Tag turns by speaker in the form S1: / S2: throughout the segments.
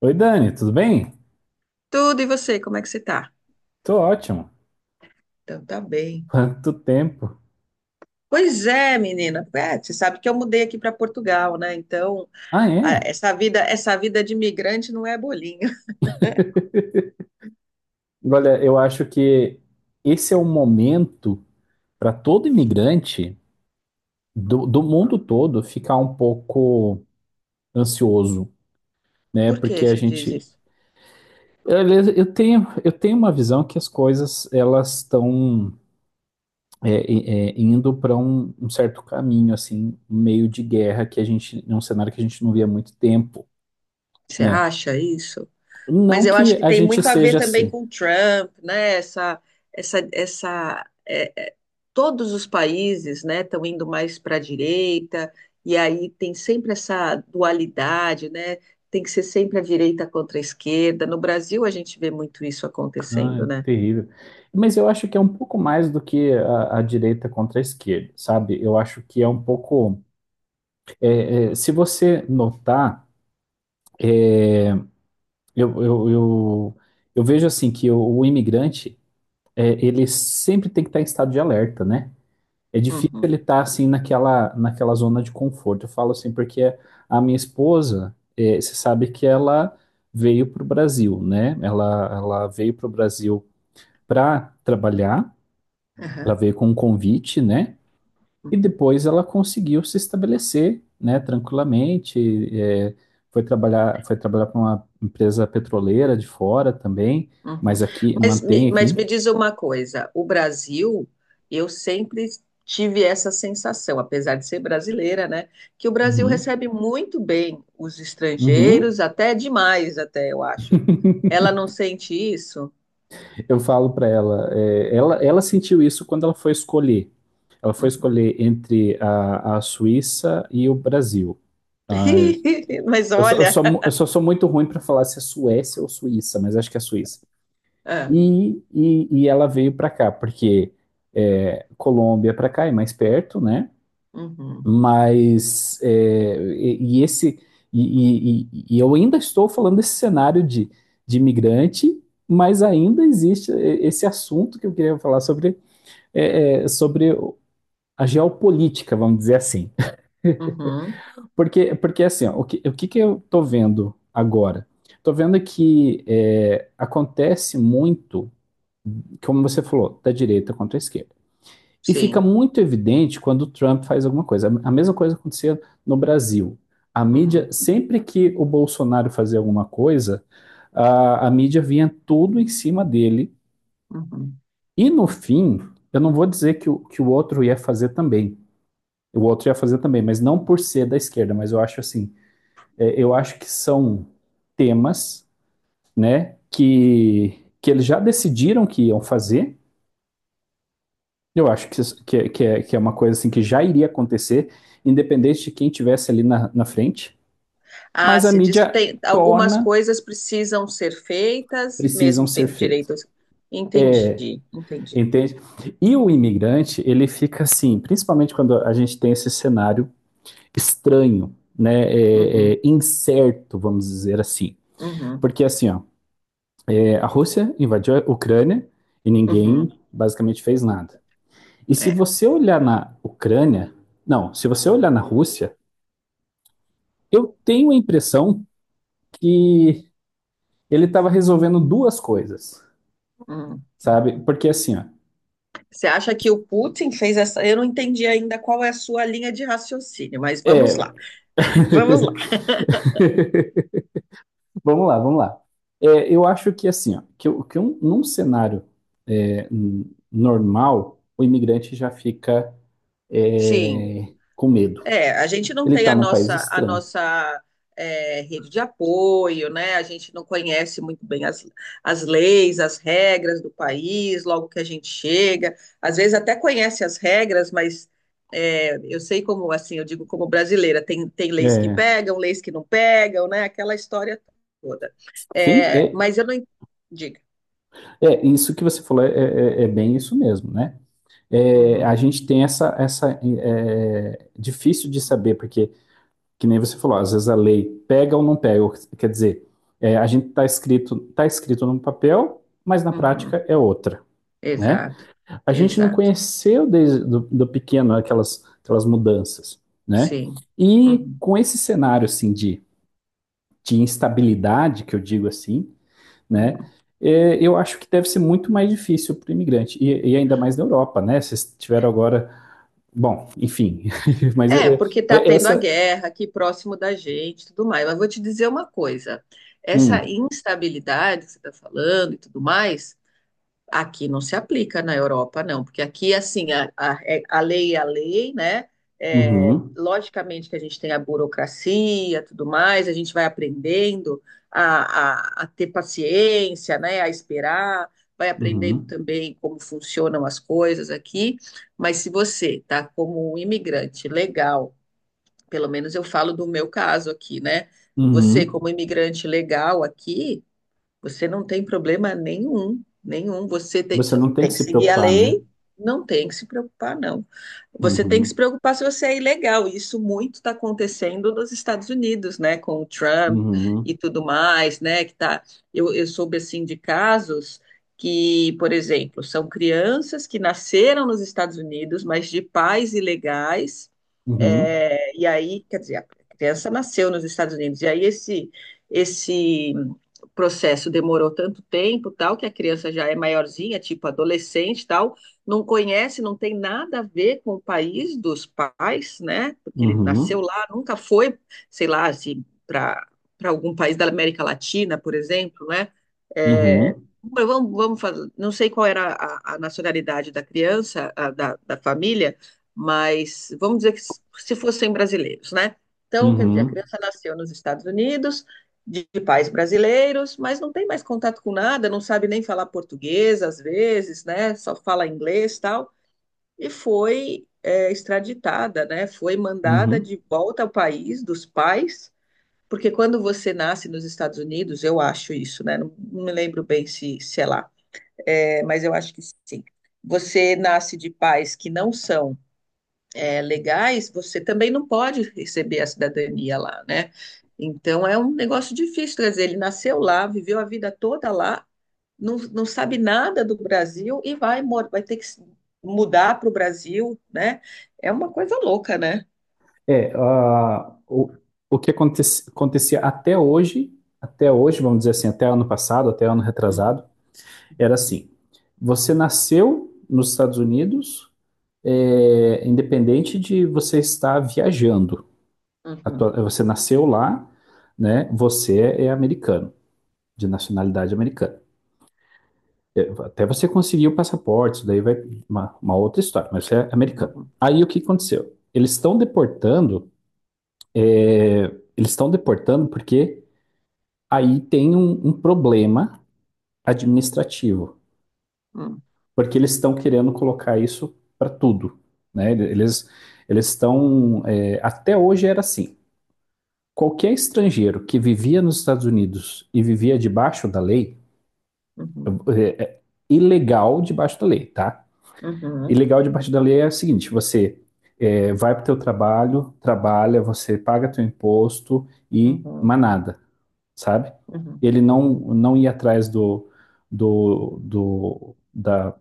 S1: Oi, Dani, tudo bem?
S2: Tudo, e você, como é que você tá?
S1: Tô ótimo.
S2: Então, tá bem.
S1: Quanto tempo?
S2: Pois é, menina. É, você sabe que eu mudei aqui para Portugal, né? Então,
S1: Ah,
S2: a-
S1: é?
S2: essa vida, essa vida de imigrante não é bolinho.
S1: Olha, eu acho que esse é o momento para todo imigrante do mundo todo ficar um pouco ansioso, né?
S2: Por que
S1: Porque a
S2: você diz
S1: gente.
S2: isso?
S1: Eu tenho uma visão que as coisas elas estão é, é, indo para um certo caminho, assim, um meio de guerra, que a gente. É um cenário que a gente não via há muito tempo,
S2: Você
S1: né?
S2: acha isso?
S1: Não
S2: Mas eu
S1: que
S2: acho que
S1: a
S2: tem
S1: gente
S2: muito a ver
S1: seja
S2: também
S1: assim.
S2: com o Trump, né? Essa, essa, é, é, Todos os países, né, estão indo mais para a direita, e aí tem sempre essa dualidade, né? Tem que ser sempre a direita contra a esquerda. No Brasil, a gente vê muito isso
S1: Ah,
S2: acontecendo,
S1: é
S2: né?
S1: terrível. Mas eu acho que é um pouco mais do que a direita contra a esquerda, sabe? Eu acho que é um pouco. Se você notar, eu, eu, eu, eu vejo assim que o imigrante, ele sempre tem que estar em estado de alerta, né? É difícil
S2: Uhum,
S1: ele estar assim naquela zona de conforto. Eu falo assim porque a minha esposa, você sabe que ela veio para o Brasil, né? Ela veio para o Brasil para trabalhar, ela
S2: aham,
S1: veio com um convite, né? E
S2: uhum.
S1: depois ela conseguiu se estabelecer, né, tranquilamente. é, Foi trabalhar, foi trabalhar para uma empresa petroleira de fora também,
S2: Uhum.
S1: mas aqui
S2: Mas,
S1: mantém aqui.
S2: me diz uma coisa, o Brasil, eu sempre tive essa sensação, apesar de ser brasileira, né, que o Brasil
S1: Uhum.
S2: recebe muito bem os estrangeiros,
S1: Uhum.
S2: até demais, até eu acho. Ela não sente isso?
S1: Eu falo para ela, ela sentiu isso quando ela foi escolher. Ela foi
S2: Uhum.
S1: escolher entre a Suíça e o Brasil. Ah,
S2: Mas olha,
S1: eu só sou muito ruim para falar se é Suécia ou Suíça, mas acho que é Suíça.
S2: é.
S1: E ela veio para cá, porque Colômbia para cá é mais perto, né?
S2: Uhum.
S1: Mas é, e esse e eu ainda estou falando desse cenário de imigrante, mas ainda existe esse assunto que eu queria falar sobre, sobre a geopolítica, vamos dizer assim.
S2: Uhum.
S1: Porque, porque assim, ó, que eu estou vendo agora? Estou vendo que acontece muito, como você falou, da direita contra a esquerda. E fica
S2: Sim.
S1: muito evidente quando o Trump faz alguma coisa. A mesma coisa acontecia no Brasil. A mídia,
S2: Uhum.
S1: sempre que o Bolsonaro fazia alguma coisa, a mídia vinha tudo em cima dele.
S2: Uhum.
S1: E no fim, eu não vou dizer que que o outro ia fazer também. O outro ia fazer também, mas não por ser da esquerda, mas eu acho assim, eu acho que são temas, né, que eles já decidiram que iam fazer. Eu acho que, que é uma coisa assim que já iria acontecer, independente de quem tivesse ali na frente,
S2: Ah,
S1: mas a
S2: você diz que
S1: mídia
S2: tem algumas
S1: torna
S2: coisas precisam ser feitas e
S1: precisam
S2: mesmo
S1: ser
S2: sendo
S1: feitos,
S2: direitos. Entendi, entendi.
S1: entende? E o imigrante, ele fica assim, principalmente quando a gente tem esse cenário estranho, né,
S2: Uhum.
S1: incerto, vamos dizer assim.
S2: Uhum,
S1: Porque assim, ó, a Rússia invadiu a Ucrânia e ninguém
S2: uhum,
S1: basicamente fez nada. E se
S2: é.
S1: você olhar na Ucrânia, não, se você olhar na Rússia, eu tenho a impressão que ele estava resolvendo duas coisas,
S2: Uhum.
S1: sabe? Porque assim, ó,
S2: Você acha que o Putin fez essa? Eu não entendi ainda qual é a sua linha de raciocínio, mas vamos
S1: é,
S2: lá. Vamos lá.
S1: vamos lá, vamos lá. É, eu acho que assim, ó, num cenário é, normal, o imigrante já fica
S2: Sim.
S1: com medo.
S2: É, a gente não
S1: Ele
S2: tem
S1: está
S2: a
S1: num país
S2: nossa, a
S1: estranho.
S2: nossa é, rede de apoio, né? A gente não conhece muito bem as leis, as regras do país, logo que a gente chega. Às vezes até conhece as regras, mas eu sei como, assim, eu digo como brasileira, tem leis que
S1: É,
S2: pegam, leis que não pegam, né? Aquela história toda.
S1: sim,
S2: É, mas eu não en- diga.
S1: isso que você falou é bem isso mesmo, né? É, a
S2: Uhum,
S1: gente tem essa, essa difícil de saber, porque que nem você falou, às vezes a lei pega ou não pega, quer dizer, a gente está escrito, tá escrito num papel, mas na
S2: uhum.
S1: prática é outra, né?
S2: Exato,
S1: A gente não
S2: exato.
S1: conheceu desde do pequeno aquelas, aquelas mudanças, né?
S2: Sim.
S1: E
S2: Uhum.
S1: com esse cenário, assim, de instabilidade, que eu digo assim, né?
S2: Uhum.
S1: É, eu acho que deve ser muito mais difícil para o imigrante, ainda mais na Europa, né? Vocês tiveram agora. Bom, enfim, mas
S2: É, porque está
S1: é
S2: tendo a
S1: essa.
S2: guerra aqui próximo da gente, e tudo mais. Mas vou te dizer uma coisa: essa
S1: Hum,
S2: instabilidade que você está falando e tudo mais, aqui não se aplica na Europa, não, porque aqui, assim, a lei é a lei, né? É,
S1: uhum,
S2: logicamente que a gente tem a burocracia, tudo mais, a gente vai aprendendo a ter paciência, né? A esperar, vai aprendendo
S1: uhum.
S2: também como funcionam as coisas aqui. Mas se você está como um imigrante legal, pelo menos eu falo do meu caso aqui, né? Você,
S1: Uhum.
S2: como imigrante legal aqui, você não tem problema nenhum, nenhum. Você tem,
S1: Você
S2: só
S1: não tem
S2: tem
S1: que
S2: que
S1: se
S2: seguir a
S1: preocupar, né?
S2: lei, não tem que se preocupar, não. Você tem que se
S1: Uhum.
S2: preocupar se você é ilegal. Isso muito está acontecendo nos Estados Unidos, né? Com o Trump
S1: Uhum.
S2: e tudo mais, né? Que tá, eu soube assim de casos que, por exemplo, são crianças que nasceram nos Estados Unidos, mas de pais ilegais.
S1: Uhum.
S2: E aí, quer dizer, a criança nasceu nos Estados Unidos. E aí esse processo demorou tanto tempo, tal, que a criança já é maiorzinha, tipo adolescente, tal, não conhece, não tem nada a ver com o país dos pais, né? Porque ele nasceu
S1: Uhum.
S2: lá, nunca foi, sei lá, assim, para algum país da América Latina, por exemplo, né? É,
S1: Uhum.
S2: mas vamos fazer, não sei qual era a nacionalidade da criança, a da família, mas vamos dizer que se fossem brasileiros, né? Então, quer dizer, a
S1: Uhum.
S2: criança nasceu nos Estados Unidos, de pais brasileiros, mas não tem mais contato com nada, não sabe nem falar português às vezes, né? Só fala inglês e tal. E foi, extraditada, né? Foi mandada
S1: Uhum.
S2: de volta ao país dos pais, porque quando você nasce nos Estados Unidos, eu acho isso, né? Não, não me lembro bem se é lá, mas eu acho que sim. Você nasce de pais que não são, legais, você também não pode receber a cidadania lá, né? Então é um negócio difícil trazer. Ele nasceu lá, viveu a vida toda lá, não, não sabe nada do Brasil e vai ter que se mudar para o Brasil, né? É uma coisa louca, né?
S1: É, ah, o que aconte- acontecia até hoje, vamos dizer assim, até ano passado, até ano
S2: Uhum,
S1: retrasado, era assim. Você nasceu nos Estados Unidos, é, independente de você estar viajando.
S2: uhum,
S1: Você nasceu lá, né? Você é americano, de nacionalidade americana. É, até você conseguir o passaporte, isso daí vai uma outra história, mas você é americano.
S2: uhum,
S1: Aí o que aconteceu? Eles estão deportando, é, eles estão deportando porque aí tem um problema administrativo,
S2: uhum,
S1: porque eles estão querendo colocar isso para tudo, né? Eles estão até hoje era assim. Qualquer estrangeiro que vivia nos Estados Unidos e vivia debaixo da lei,
S2: uhum,
S1: é ilegal debaixo da lei, tá? E
S2: uhum,
S1: legal de partir dali é o seguinte, você vai para o teu trabalho, trabalha, você paga teu imposto e
S2: uhum,
S1: manada, sabe?
S2: uhum.
S1: Ele não, não ia atrás do, do, da,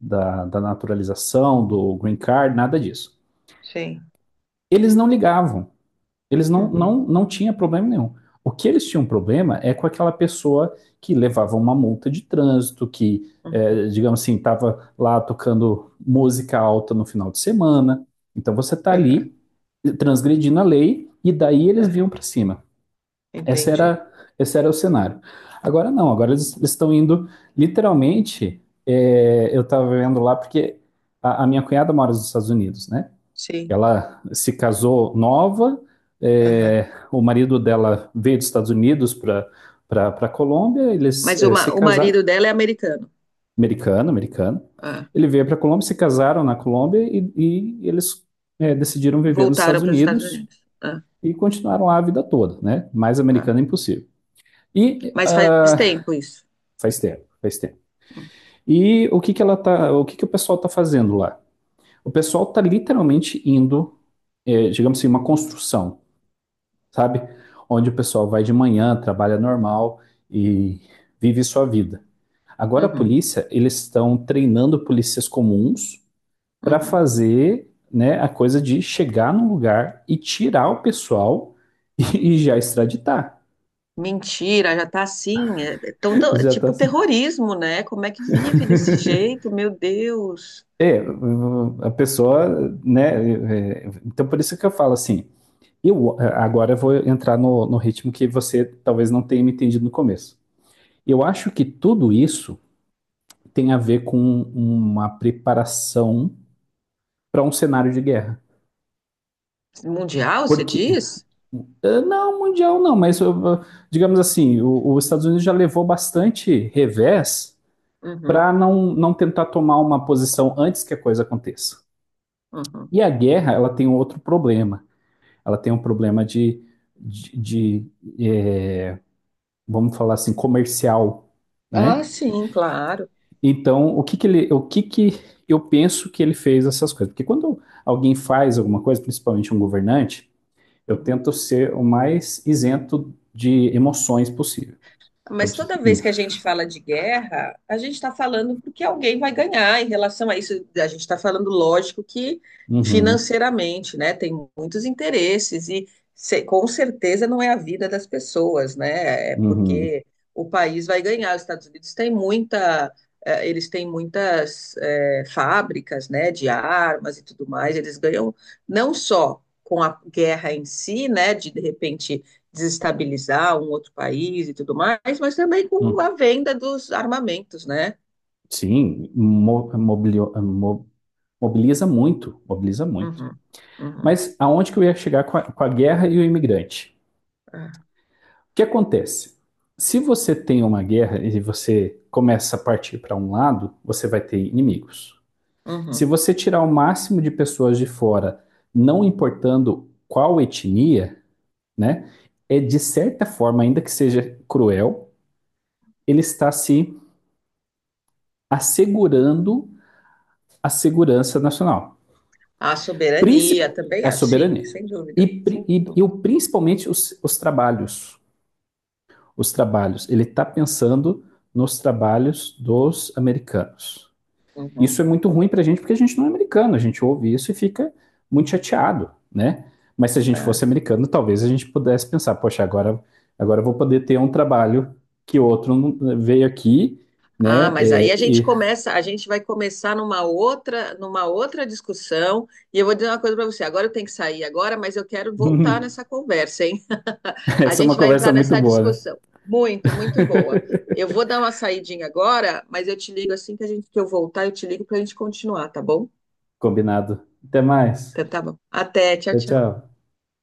S1: da naturalização, do green card, nada disso.
S2: Sim.
S1: Eles não ligavam. Eles
S2: Uhum,
S1: não tinham problema nenhum. O que eles tinham problema é com aquela pessoa que levava uma multa de trânsito, que,
S2: uhum,
S1: é, digamos assim, estava lá tocando música alta no final de semana. Então você está
S2: aham,
S1: ali transgredindo a lei e daí eles
S2: aham.
S1: vinham para cima. Esse
S2: Entendi.
S1: era, esse era o cenário. Agora não, agora eles estão indo literalmente. Eu estava vendo lá porque a minha cunhada mora nos Estados Unidos, né?
S2: Sim.
S1: Ela se casou nova,
S2: Aham.
S1: o marido dela veio dos Estados Unidos para Colômbia, eles
S2: Mas o,
S1: se
S2: ma- o
S1: casaram,
S2: marido dela é americano.
S1: americano, americano.
S2: Ah.
S1: Ele veio para Colômbia, se casaram na Colômbia e eles decidiram viver nos Estados
S2: Voltaram para os Estados
S1: Unidos
S2: Unidos. Ah,
S1: e continuaram lá a vida toda, né? Mais
S2: ah.
S1: americano é impossível. E
S2: Mas faz
S1: ah,
S2: tempo isso.
S1: faz tempo, faz tempo. E o que que ela tá, o que que o pessoal tá fazendo lá? O pessoal tá literalmente indo, é, digamos assim, uma construção, sabe? Onde o pessoal vai de manhã, trabalha normal e vive sua vida. Agora a
S2: Uhum,
S1: polícia, eles estão treinando polícias comuns para
S2: uhum.
S1: fazer, né, a coisa de chegar num lugar e tirar o pessoal e já extraditar.
S2: Mentira, já tá assim. É, é tão- tão- é
S1: Já tá
S2: tipo
S1: assim.
S2: terrorismo, né? Como é que vive desse jeito? Meu Deus.
S1: É, a pessoa, né? Então por isso que eu falo assim. Eu vou entrar no, no ritmo que você talvez não tenha me entendido no começo. Eu acho que tudo isso tem a ver com uma preparação para um cenário de guerra.
S2: Mundial, você
S1: Porque,
S2: diz?
S1: não, mundial não, mas digamos assim, os Estados Unidos já levou bastante revés
S2: Uhum,
S1: para não, não tentar tomar uma posição antes que a coisa aconteça.
S2: uhum.
S1: E a guerra, ela tem um outro problema. Ela tem um problema de, de é, vamos falar assim, comercial,
S2: Ah,
S1: né?
S2: sim, claro.
S1: Então, o que que eu penso que ele fez essas coisas? Porque quando alguém faz alguma coisa, principalmente um governante, eu
S2: Uhum.
S1: tento ser o mais isento de emoções possível. Eu
S2: Mas
S1: preciso-
S2: toda
S1: hum,
S2: vez que a gente fala de guerra, a gente está falando porque alguém vai ganhar em relação a isso. A gente está falando, lógico, que
S1: uhum,
S2: financeiramente, né? Tem muitos interesses e com certeza não é a vida das pessoas, né? É
S1: uhum,
S2: porque o país vai ganhar. Os Estados Unidos têm eles têm muitas fábricas, né? De armas e tudo mais. Eles ganham não só com a guerra em si, né? De repente desestabilizar um outro país e tudo mais, mas também com a
S1: hum.
S2: venda dos armamentos, né?
S1: Sim, mobiliza muito, mobiliza muito.
S2: Uhum, uhum,
S1: Mas aonde que eu ia chegar com com a guerra e o imigrante?
S2: é,
S1: O que acontece? Se você tem uma guerra e você começa a partir para um lado, você vai ter inimigos. Se
S2: uhum.
S1: você tirar o máximo de pessoas de fora, não importando qual etnia, né, é de certa forma, ainda que seja cruel, ele está se assegurando a segurança nacional,
S2: A soberania também,
S1: a
S2: assim,
S1: soberania
S2: sem dúvida,
S1: e,
S2: sem
S1: e
S2: dúvida.
S1: principalmente os trabalhos, os trabalhos. Ele está pensando nos trabalhos dos americanos.
S2: Uhum,
S1: Isso é muito ruim para a gente porque a gente não é americano, a gente ouve isso e fica muito chateado, né? Mas se a gente fosse
S2: é.
S1: americano, talvez a gente pudesse pensar, poxa, agora, agora eu vou poder ter um trabalho que outro veio aqui,
S2: Ah,
S1: né?
S2: mas aí
S1: É,
S2: a gente
S1: e
S2: começa, a gente vai começar numa outra discussão, e eu vou dizer uma coisa para você. Agora eu tenho que sair agora, mas eu quero voltar nessa conversa, hein? A
S1: essa é uma
S2: gente vai
S1: conversa
S2: entrar
S1: muito
S2: nessa
S1: boa, né?
S2: discussão. Muito, muito boa. Eu vou dar uma saidinha agora, mas eu te ligo assim que a gente, que eu voltar, eu te ligo para a gente continuar, tá bom?
S1: Combinado. Até mais.
S2: Então tá bom. Até, tchau,
S1: Tchau, tchau.
S2: tchau.